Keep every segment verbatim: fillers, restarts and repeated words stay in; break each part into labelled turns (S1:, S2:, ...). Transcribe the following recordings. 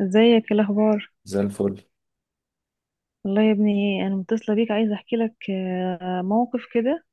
S1: ازيك؟ ايه الاخبار؟
S2: زي الفل.
S1: والله يا ابني، انا متصله بيك عايزه احكي لك آه، موقف كده.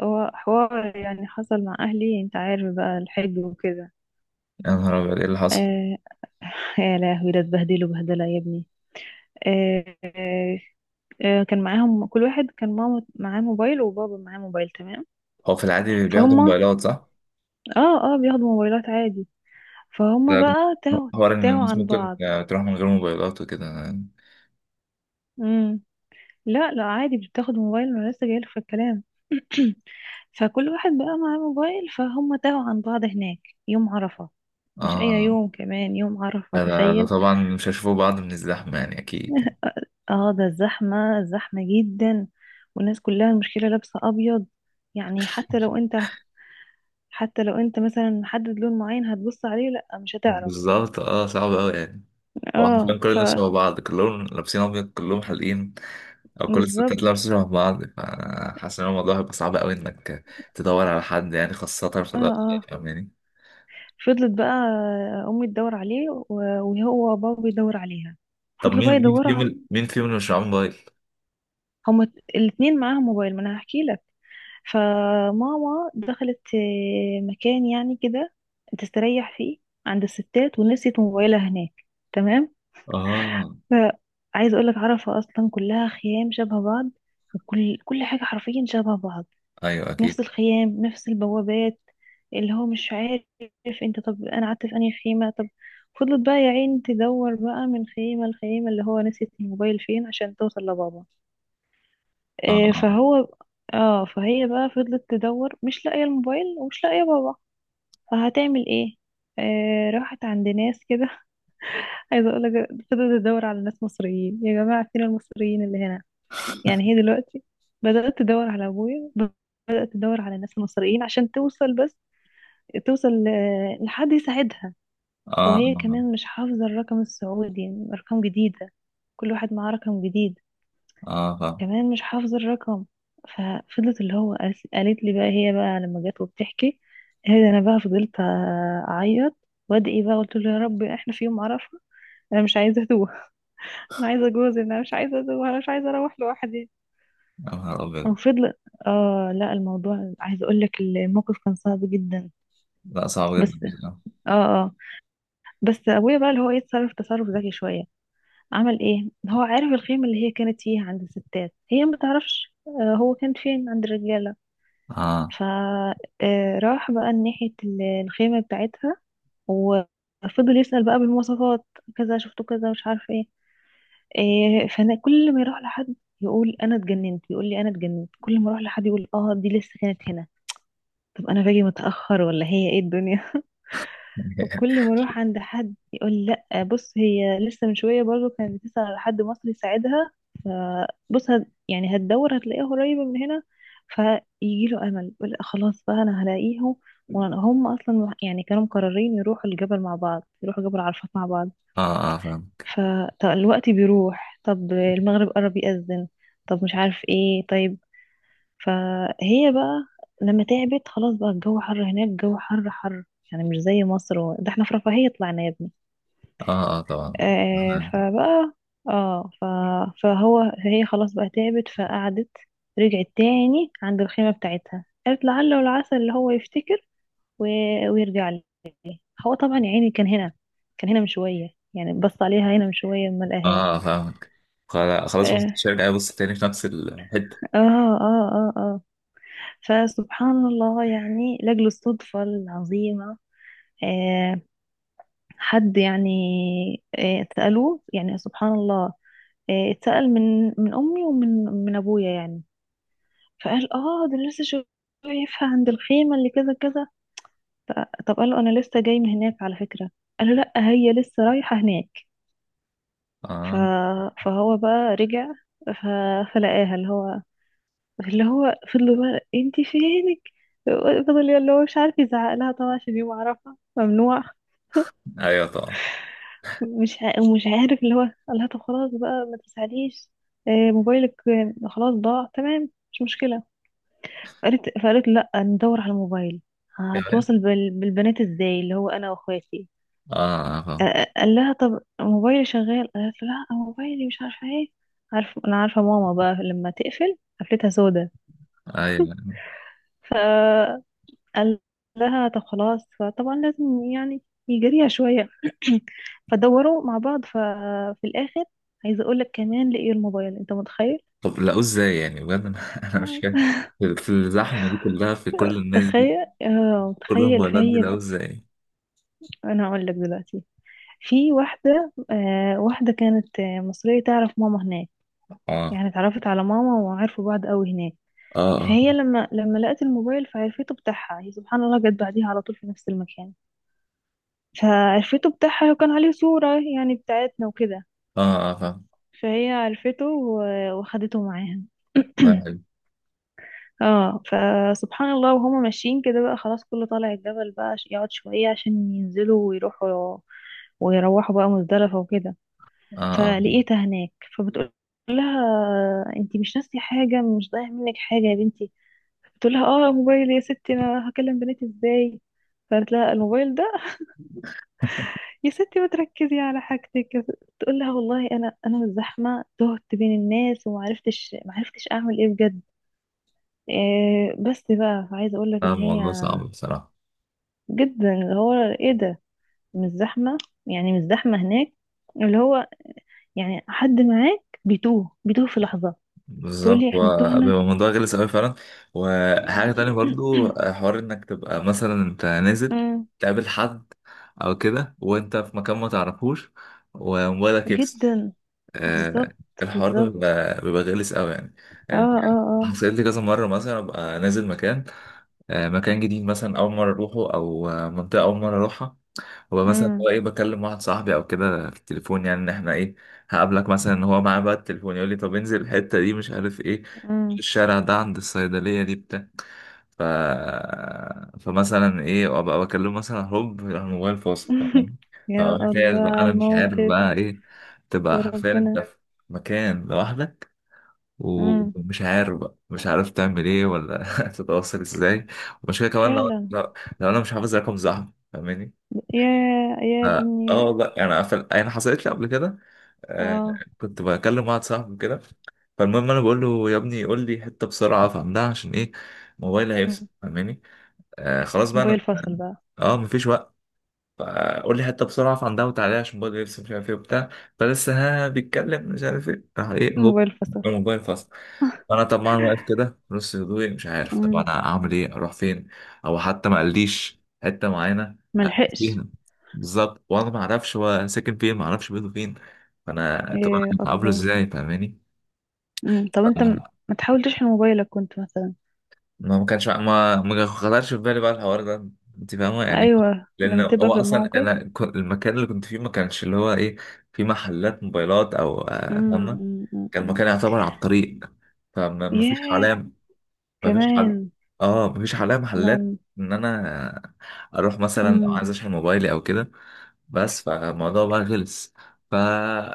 S1: هو حوار يعني حصل مع اهلي، انت عارف بقى الحج وكده.
S2: يا نهار أبيض، إيه اللي حصل؟
S1: آه. يا لهوي، ده اتبهدلوا بهدله يا ابني. آه، آه، آه، كان معاهم كل واحد، كان ماما معاه موبايل وبابا معاه موبايل، تمام.
S2: هو في العادي بياخدوا
S1: فهم
S2: موبايلات، صح؟
S1: اه اه بياخدوا موبايلات عادي. فهم
S2: ده
S1: بقى تاهوا.
S2: حوار إن
S1: تاهوا
S2: الناس
S1: عن
S2: ممكن
S1: بعض.
S2: تروح من غير موبايلات وكده.
S1: لا لا، عادي بتاخد موبايل، انا لسه جايلك في الكلام. فكل واحد بقى معاه موبايل، فهم تاهوا عن بعض هناك، يوم عرفة. مش اي
S2: آه
S1: يوم، كمان يوم عرفة،
S2: ده, ده, ده
S1: تخيل.
S2: طبعا مش هيشوفوا بعض من الزحمة، يعني أكيد.
S1: اه ده الزحمة، الزحمة جدا. والناس كلها المشكلة لابسة ابيض، يعني حتى لو انت حتى لو انت مثلا محدد لون معين هتبص عليه، لا مش هتعرف.
S2: بالظبط، اه صعب أوي يعني. هو
S1: اه
S2: حرفيا كل
S1: ف
S2: الناس شبه بعض، كلهم لابسين أبيض، كلهم حالقين، أو كل الستات
S1: بالظبط.
S2: لابسة شبه بعض، فحاسس إن الموضوع هيبقى صعب أوي إنك تدور على حد يعني، خاصة في
S1: اه
S2: الوقت، يعني
S1: اه
S2: فاهماني؟
S1: فضلت بقى امي تدور عليه و- وهو بابا يدور عليها.
S2: طب
S1: فضلوا
S2: مين
S1: بقى
S2: مين
S1: يدوروا،
S2: فيهم مين فيهم اللي مش معاه موبايل؟
S1: هما الاتنين معاهم موبايل، ما انا هحكي لك. فماما دخلت آه، مكان يعني كده تستريح فيه، عند الستات، ونسيت موبايلها هناك. تمام.
S2: اه،
S1: فعايز اقول لك، عرفة اصلا كلها خيام شبه بعض، وكل كل حاجة حرفيا شبه بعض.
S2: أيوه،
S1: نفس
S2: أكيد.
S1: الخيام، نفس البوابات. اللي هو مش عارف انت، طب انا قعدت في انهي خيمة؟ طب فضلت بقى يا عين تدور بقى من خيمة لخيمة، اللي هو نسيت الموبايل فين عشان توصل لبابا.
S2: اه.
S1: آه،
S2: آه.
S1: فهو اه فهي بقى فضلت تدور، مش لاقية الموبايل ومش لاقية بابا. فهتعمل ايه؟ آه راحت عند ناس كده. عايزة اقول لك، فضلت تدور على ناس مصريين، يا جماعة فين المصريين اللي هنا؟ يعني هي دلوقتي بدأت تدور على ابويا، بدأت تدور على ناس مصريين عشان توصل، بس توصل آه، لحد يساعدها.
S2: اه،
S1: وهي
S2: اه،
S1: كمان مش حافظة الرقم السعودي، يعني ارقام جديدة، كل واحد معاه رقم جديد،
S2: اه، فاهم.
S1: كمان مش حافظة الرقم. ففضلت اللي هو، قالت قالت لي بقى هي بقى لما جت وبتحكي، قالت انا بقى فضلت اعيط وادعي بقى، قلت له يا رب احنا في يوم اعرفها، انا مش عايزه اتوه. انا عايزه جوزي، انا مش عايزه اتوه، انا مش عايزه اروح لوحدي.
S2: يا نهار ابيض.
S1: وفضل. اه لا، الموضوع عايزه اقول لك الموقف كان صعب جدا.
S2: لا، صعب جدا
S1: بس.
S2: بصراحة.
S1: اه اه بس ابويا بقى اللي هو يتصرف تصرف ذكي شويه. عمل ايه؟ هو عارف الخيمه اللي هي كانت فيها عند الستات، هي ما تعرفش آه، هو كان فين، عند الرجاله.
S2: اه.
S1: فراح بقى ناحية ال- الخيمة بتاعتها، وفضل يسأل بقى بالمواصفات، كذا شفته كذا، مش عارف ايه. إيه، فانا كل ما يروح لحد يقول انا اتجننت، يقول لي انا اتجننت، كل ما اروح لحد يقول اه دي لسه كانت هنا. طب انا باجي متأخر ولا هي ايه الدنيا؟ وكل ما اروح عند حد يقول لا بص، هي لسه من شويه برضو كانت بتسأل على حد مصري يساعدها، فبص هت يعني هتدور هتلاقيها قريبه من هنا. فيجي له امل، يقول لأ خلاص بقى انا هلاقيهم. وهم اصلا يعني كانوا مقررين يروحوا الجبل مع بعض، يروحوا جبل عرفات مع بعض.
S2: اه، اه، فاهم.
S1: فالوقت بيروح، طب المغرب قرب يأذن، طب مش عارف ايه، طيب. فهي بقى لما تعبت خلاص بقى، الجو حر هناك، الجو حر حر، يعني مش زي مصر و... ده احنا في رفاهية طلعنا يا ابني.
S2: اه، اه، طبعا.
S1: آه فبقى اه ف... فهو فهي خلاص بقى تعبت، فقعدت، رجعت تاني عند الخيمة بتاعتها، قالت لعل والعسى اللي هو يفتكر و... ويرجع لي. هو طبعا يا عيني كان هنا، كان هنا من شوية، يعني بص عليها هنا من شوية، ما لقاهاش.
S2: اه، فاهمك. خلا- خلاص، بص
S1: اه.
S2: الشركة، بص تاني في نفس الحتة.
S1: اه. اه اه آه. فسبحان الله، يعني لأجل الصدفة العظيمة. آه. حد يعني. آه سألوه، يعني سبحان الله. آه اتسأل من من أمي ومن من أبويا يعني، فقال اه ده أنا لسه شايفها عند الخيمة اللي كذا كذا. ف- طب قال له انا لسه جاي من هناك على فكرة، قال له لا هي لسه رايحة هناك. ف...
S2: اه،
S1: فهو بقى رجع. ف... فلقاها، اللي هو اللي هو فضل بقى، انت فينك، فضل اللي هو مش عارف يزعق لها طبعا عشان يوم عرفها ممنوع.
S2: ايوه، طبعا.
S1: مش ع... ومش عارف اللي هو، قال لها طب خلاص بقى ما تزعليش، آه، موبايلك آه، خلاص ضاع، تمام، مش مشكلة. قالت، فقالت لا ندور على الموبايل،
S2: كمان.
S1: هتواصل بال... بالبنات ازاي اللي هو، انا واخواتي.
S2: اه، اه، فاهم.
S1: آه، قال لها طب موبايلي شغال، قالت له لا موبايلي مش عارفه ايه، عارف انا عارفه ماما بقى لما تقفل قفلتها سودا.
S2: ايوه.
S1: فقال لها طب خلاص، فطبعا لازم يعني يجريها شويه. فدوروا مع بعض، ففي الاخر عايزه اقول لك، كمان لقيوا الموبايل، انت متخيل؟
S2: طب لقوه ازاي يعني؟ بجد انا أنا مش فاهم. في الزحمة دي كلها، في كل الناس دي،
S1: تخيل، اه
S2: كل
S1: متخيل
S2: الموبايلات دي،
S1: فهي،
S2: لقوه ازاي؟
S1: انا اقول لك دلوقتي. في واحدة آه واحدة كانت آه، مصرية، تعرف ماما هناك،
S2: اه،
S1: يعني اتعرفت على ماما وعرفوا بعض قوي هناك.
S2: اه، اه،
S1: فهي لما لما لقت الموبايل، فعرفته بتاعها، هي سبحان الله جت بعديها على طول في نفس المكان، فعرفته بتاعها وكان عليه صورة يعني بتاعتنا وكده.
S2: اه، اه، فاهم.
S1: فهي عرفته و- وخدته معاها.
S2: الله يحب.
S1: اه فسبحان الله، وهما ماشيين كده بقى خلاص، كله طالع الجبل بقى، ش- يقعد شوية عشان ينزلوا ويروحوا، ويروحوا بقى مزدلفة وكده.
S2: اه، اه، فاهم.
S1: فلقيتها هناك، فبتقول لها انتي مش ناسية حاجة؟ مش ضايع منك حاجة يا بنتي؟ بتقول لها اه موبايل يا ستي، انا هكلم بناتي ازاي؟ فقالت لها الموبايل ده يا ستي، ما تركزي على حاجتك. تقول لها والله انا انا من الزحمة تهت بين الناس، وما عرفتش ما عرفتش اعمل ايه بجد. إيه بس بقى عايزة اقول لك
S2: اه،
S1: ان هي،
S2: الموضوع صعب بصراحة.
S1: جدا، اللي هو ايه ده، مش زحمة، يعني مش زحمة هناك اللي هو، يعني حد معاك بيتوه بيتوه في لحظة.
S2: بالظبط،
S1: تقولي احنا
S2: وبيبقى
S1: تهنا.
S2: الموضوع غلس أوي فعلا. وحاجة تانية برضو، حوار إنك تبقى مثلا أنت نازل،
S1: امم.
S2: تقابل حد أو كده وأنت في مكان ما تعرفوش، وموبايلك يفصل.
S1: جدا.
S2: آه
S1: بالظبط،
S2: الحوار ده
S1: بالظبط.
S2: بيبقى بيبقى غلس أوي يعني.
S1: اه
S2: يعني
S1: اه اه.
S2: حصلت لي كذا مرة، مثلا أبقى نازل مكان، آه مكان جديد، مثلا أول مرة أروحه، أو آه، منطقة أول مرة أروحها. هو مثلا
S1: امم
S2: هو ايه، بكلم واحد صاحبي او كده في التليفون، يعني ان احنا ايه، هقابلك مثلا، ان هو معاه بقى التليفون، يقول لي طب انزل الحته دي، مش عارف ايه،
S1: امم.
S2: الشارع ده عند الصيدليه دي، بتاع. ف... فمثلا ايه، ابقى بكلمه، مثلا هوب الموبايل فاصل، فاهم؟
S1: يا الله
S2: فمحتاج بقى انا،
S1: على
S2: مش عارف
S1: الموقف.
S2: بقى ايه.
S1: يا
S2: تبقى حرفيا انت
S1: ربنا.
S2: في مكان لوحدك،
S1: امم.
S2: ومش عارف بقى، مش عارف تعمل ايه ولا تتواصل ازاي. ومشكلة كمان لو،
S1: فعلا.
S2: لو لو انا مش حافظ رقم صاحبي، فاهماني؟
S1: يا يا
S2: اه. آه
S1: دنيا.
S2: والله يعني، في- يعني حصلت لي قبل كده. آه
S1: اه
S2: كنت بكلم واحد صاحبي كده، فالمهم انا بقول له يا ابني، قول لي حته بسرعه افهمها عشان ايه، موبايلي هيفصل،
S1: مم.
S2: فاهماني؟ آه خلاص بقى
S1: موبايل
S2: انا
S1: فصل بقى.
S2: اه مفيش وقت، فقول لي حته بسرعه افهم ده، وتعالى عشان موبايلي يفصل، مش عارف ايه وبتاع. فلسه ها بيتكلم، مش عارف ايه، راح ايه، هوب
S1: موبايل فصل.
S2: الموبايل فصل. انا طبعا واقف كده في نص هدوئي، مش عارف طب
S1: امم.
S2: انا اعمل ايه، اروح فين، او حتى ما قاليش حته معينه أقف
S1: ملحقش.
S2: فيها. بالظبط، وانا ما اعرفش هو ساكن فين، ما اعرفش بيته فين، فانا طب
S1: يا
S2: انا هقابله
S1: الله.
S2: ازاي، فاهماني؟
S1: امم. طب انت م-
S2: ف-
S1: ما تحاول تشحن موبايلك كنت مثلا؟
S2: ما ما كانش، ما ما خطرش في بالي بقى الحوار ده، انت فاهمه يعني.
S1: ايوه
S2: لان
S1: لما تبقى
S2: هو
S1: في
S2: اصلا
S1: الموقف.
S2: انا كنت- المكان اللي كنت فيه ما كانش اللي هو ايه، في محلات موبايلات او آه،
S1: امم،
S2: فاهمه.
S1: امم،
S2: كان
S1: امم.
S2: المكان يعتبر على الطريق، فما ما فيش
S1: ياه.
S2: حواليا، مفيش حل.
S1: كمان.
S2: اه مفيش حالها محلات ان انا اروح مثلا لو
S1: نعم.
S2: عايز اشحن موبايلي او كده، بس فالموضوع بقى خلص. ف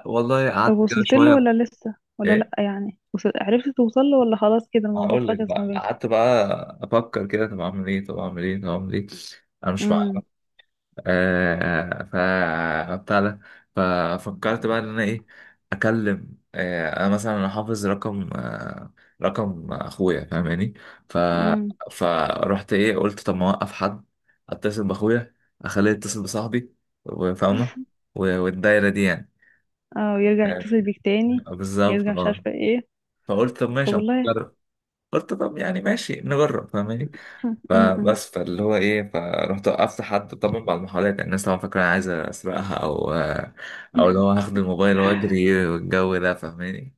S2: والله
S1: طب
S2: قعدت كده
S1: وصلت له
S2: شويه.
S1: ولا لسه ولا لأ؟
S2: ايه،
S1: يعني وصل... عرفت توصل له ولا خلاص كده الموضوع
S2: هقول لك
S1: فكس ما
S2: بقى،
S1: بينكم؟
S2: قعدت بقى افكر كده، طب اعمل ايه، طب اعمل ايه، طب اعمل ايه، انا مش،
S1: امم،
S2: آه، آه، ف بتاع ده. ففكرت بقى ان انا ايه، اكلم، آه، انا مثلا انا حافظ رقم آه، رقم اخويا فاهماني. ف
S1: امم.
S2: فرحت ايه، قلت طب ما اوقف حد، اتصل باخويا، اخليه يتصل بصاحبي، وفاهمه، و- والدايره دي يعني.
S1: اه يرجع
S2: آه،
S1: يتصل بيك تاني،
S2: بالظبط،
S1: يرجع مش
S2: اه
S1: عارفة ايه.
S2: فقلت طب
S1: طب
S2: ماشي أما
S1: والله.
S2: أجرب. قلت طب يعني ماشي نجرب فاهماني.
S1: امم.
S2: فبس، فاللي هو ايه، فرحت وقفت حد، طبعا بعد المحاولات، يعني الناس طبعا فاكره انا عايز اسرقها او او اللي هو هاخد الموبايل واجري والجو ده فاهماني.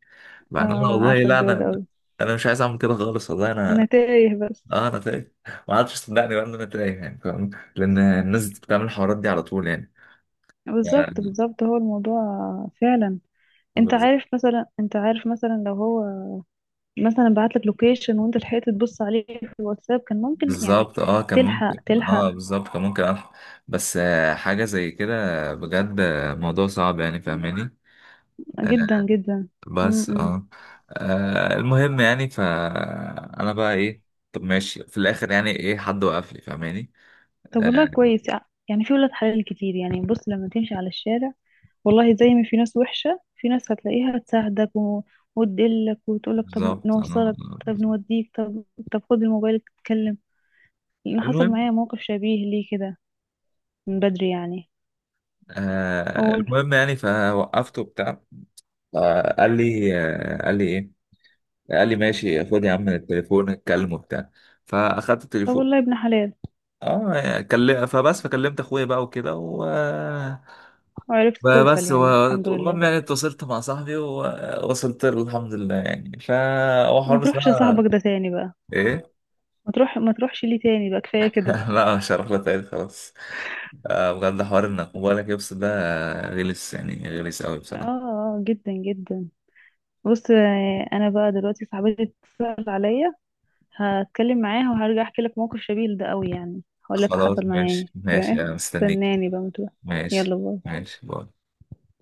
S1: اه
S2: بعدين انا
S1: أنا
S2: والله
S1: عارفة
S2: لا
S1: الجو ده
S2: انا،
S1: اوي.
S2: انا مش عايز اعمل كده خالص والله
S1: انا
S2: انا،
S1: تايه بس.
S2: اه، انا تايه. ما عادش صدقني بقى ان انا تايه، يعني فاهم، لان الناس بتعمل الحوارات دي على طول يعني
S1: بالظبط،
S2: يعني
S1: بالظبط، هو الموضوع. فعلا. انت عارف مثلا انت عارف مثلا لو هو مثلا بعتلك لوكيشن وانت لحقت تبص عليه في الواتساب كان ممكن يعني
S2: بالظبط. اه كان
S1: تلحق
S2: ممكن،
S1: تلحق.
S2: اه بالظبط كان ممكن أفهم. بس آه، حاجة زي كده بجد، آه، موضوع صعب يعني فاهماني.
S1: جدا، جدا. م
S2: بس
S1: -م.
S2: اه آه، المهم يعني، فأنا بقى ايه، طب ماشي في الآخر يعني ايه، حد وقف لي فاهماني.
S1: طب والله
S2: آه،
S1: كويس، يعني في ولاد حلال كتير، يعني بص لما تمشي على الشارع، والله زي ما في ناس وحشة في ناس هتلاقيها تساعدك و... وتدلك وتقولك طب
S2: بالظبط انا.
S1: نوصلك، طب نوديك، طب طب خد الموبايل تتكلم. لأن حصل
S2: المهم.
S1: معايا موقف شبيه ليه كده، من بدري يعني.
S2: آه
S1: أقول.
S2: المهم يعني فوقفته بتاع. آه قال لي آه قال لي ايه، قال لي ماشي خد يا عم التليفون اتكلم وبتاع، فاخدت
S1: طب
S2: التليفون.
S1: والله ابن حلال.
S2: اه كلم، فبس، فكلمت اخويا بقى وكده، و
S1: وعرفت
S2: بقى
S1: توصل
S2: بس،
S1: يعني
S2: و-
S1: الحمد
S2: المهم
S1: لله.
S2: يعني اتصلت مع صاحبي ووصلت له الحمد لله يعني. ف هو حوار
S1: ما تروحش
S2: بصراحة.
S1: لصاحبك ده تاني بقى.
S2: ايه.
S1: ما تروح ما تروحش ليه تاني بقى، كفاية كده.
S2: لا، مش هروح له تاني خلاص. آه، بجد حوار انك موبايلك يفصل ده، غلس يعني، غلس قوي
S1: اه
S2: بصراحة.
S1: آه، جدا جدا. بص، آه، انا بقى دلوقتي صاحبتي اتصل عليا، هتكلم معاها وهرجع احكي لك موقف شبيه لده قوي، يعني هقول لك
S2: خلاص،
S1: حصل معايا
S2: ماشي
S1: ايه،
S2: ماشي
S1: تمام.
S2: انا مستنيك.
S1: استناني بقى، متوقع.
S2: ماشي،
S1: يلا باي.
S2: ماشي باي.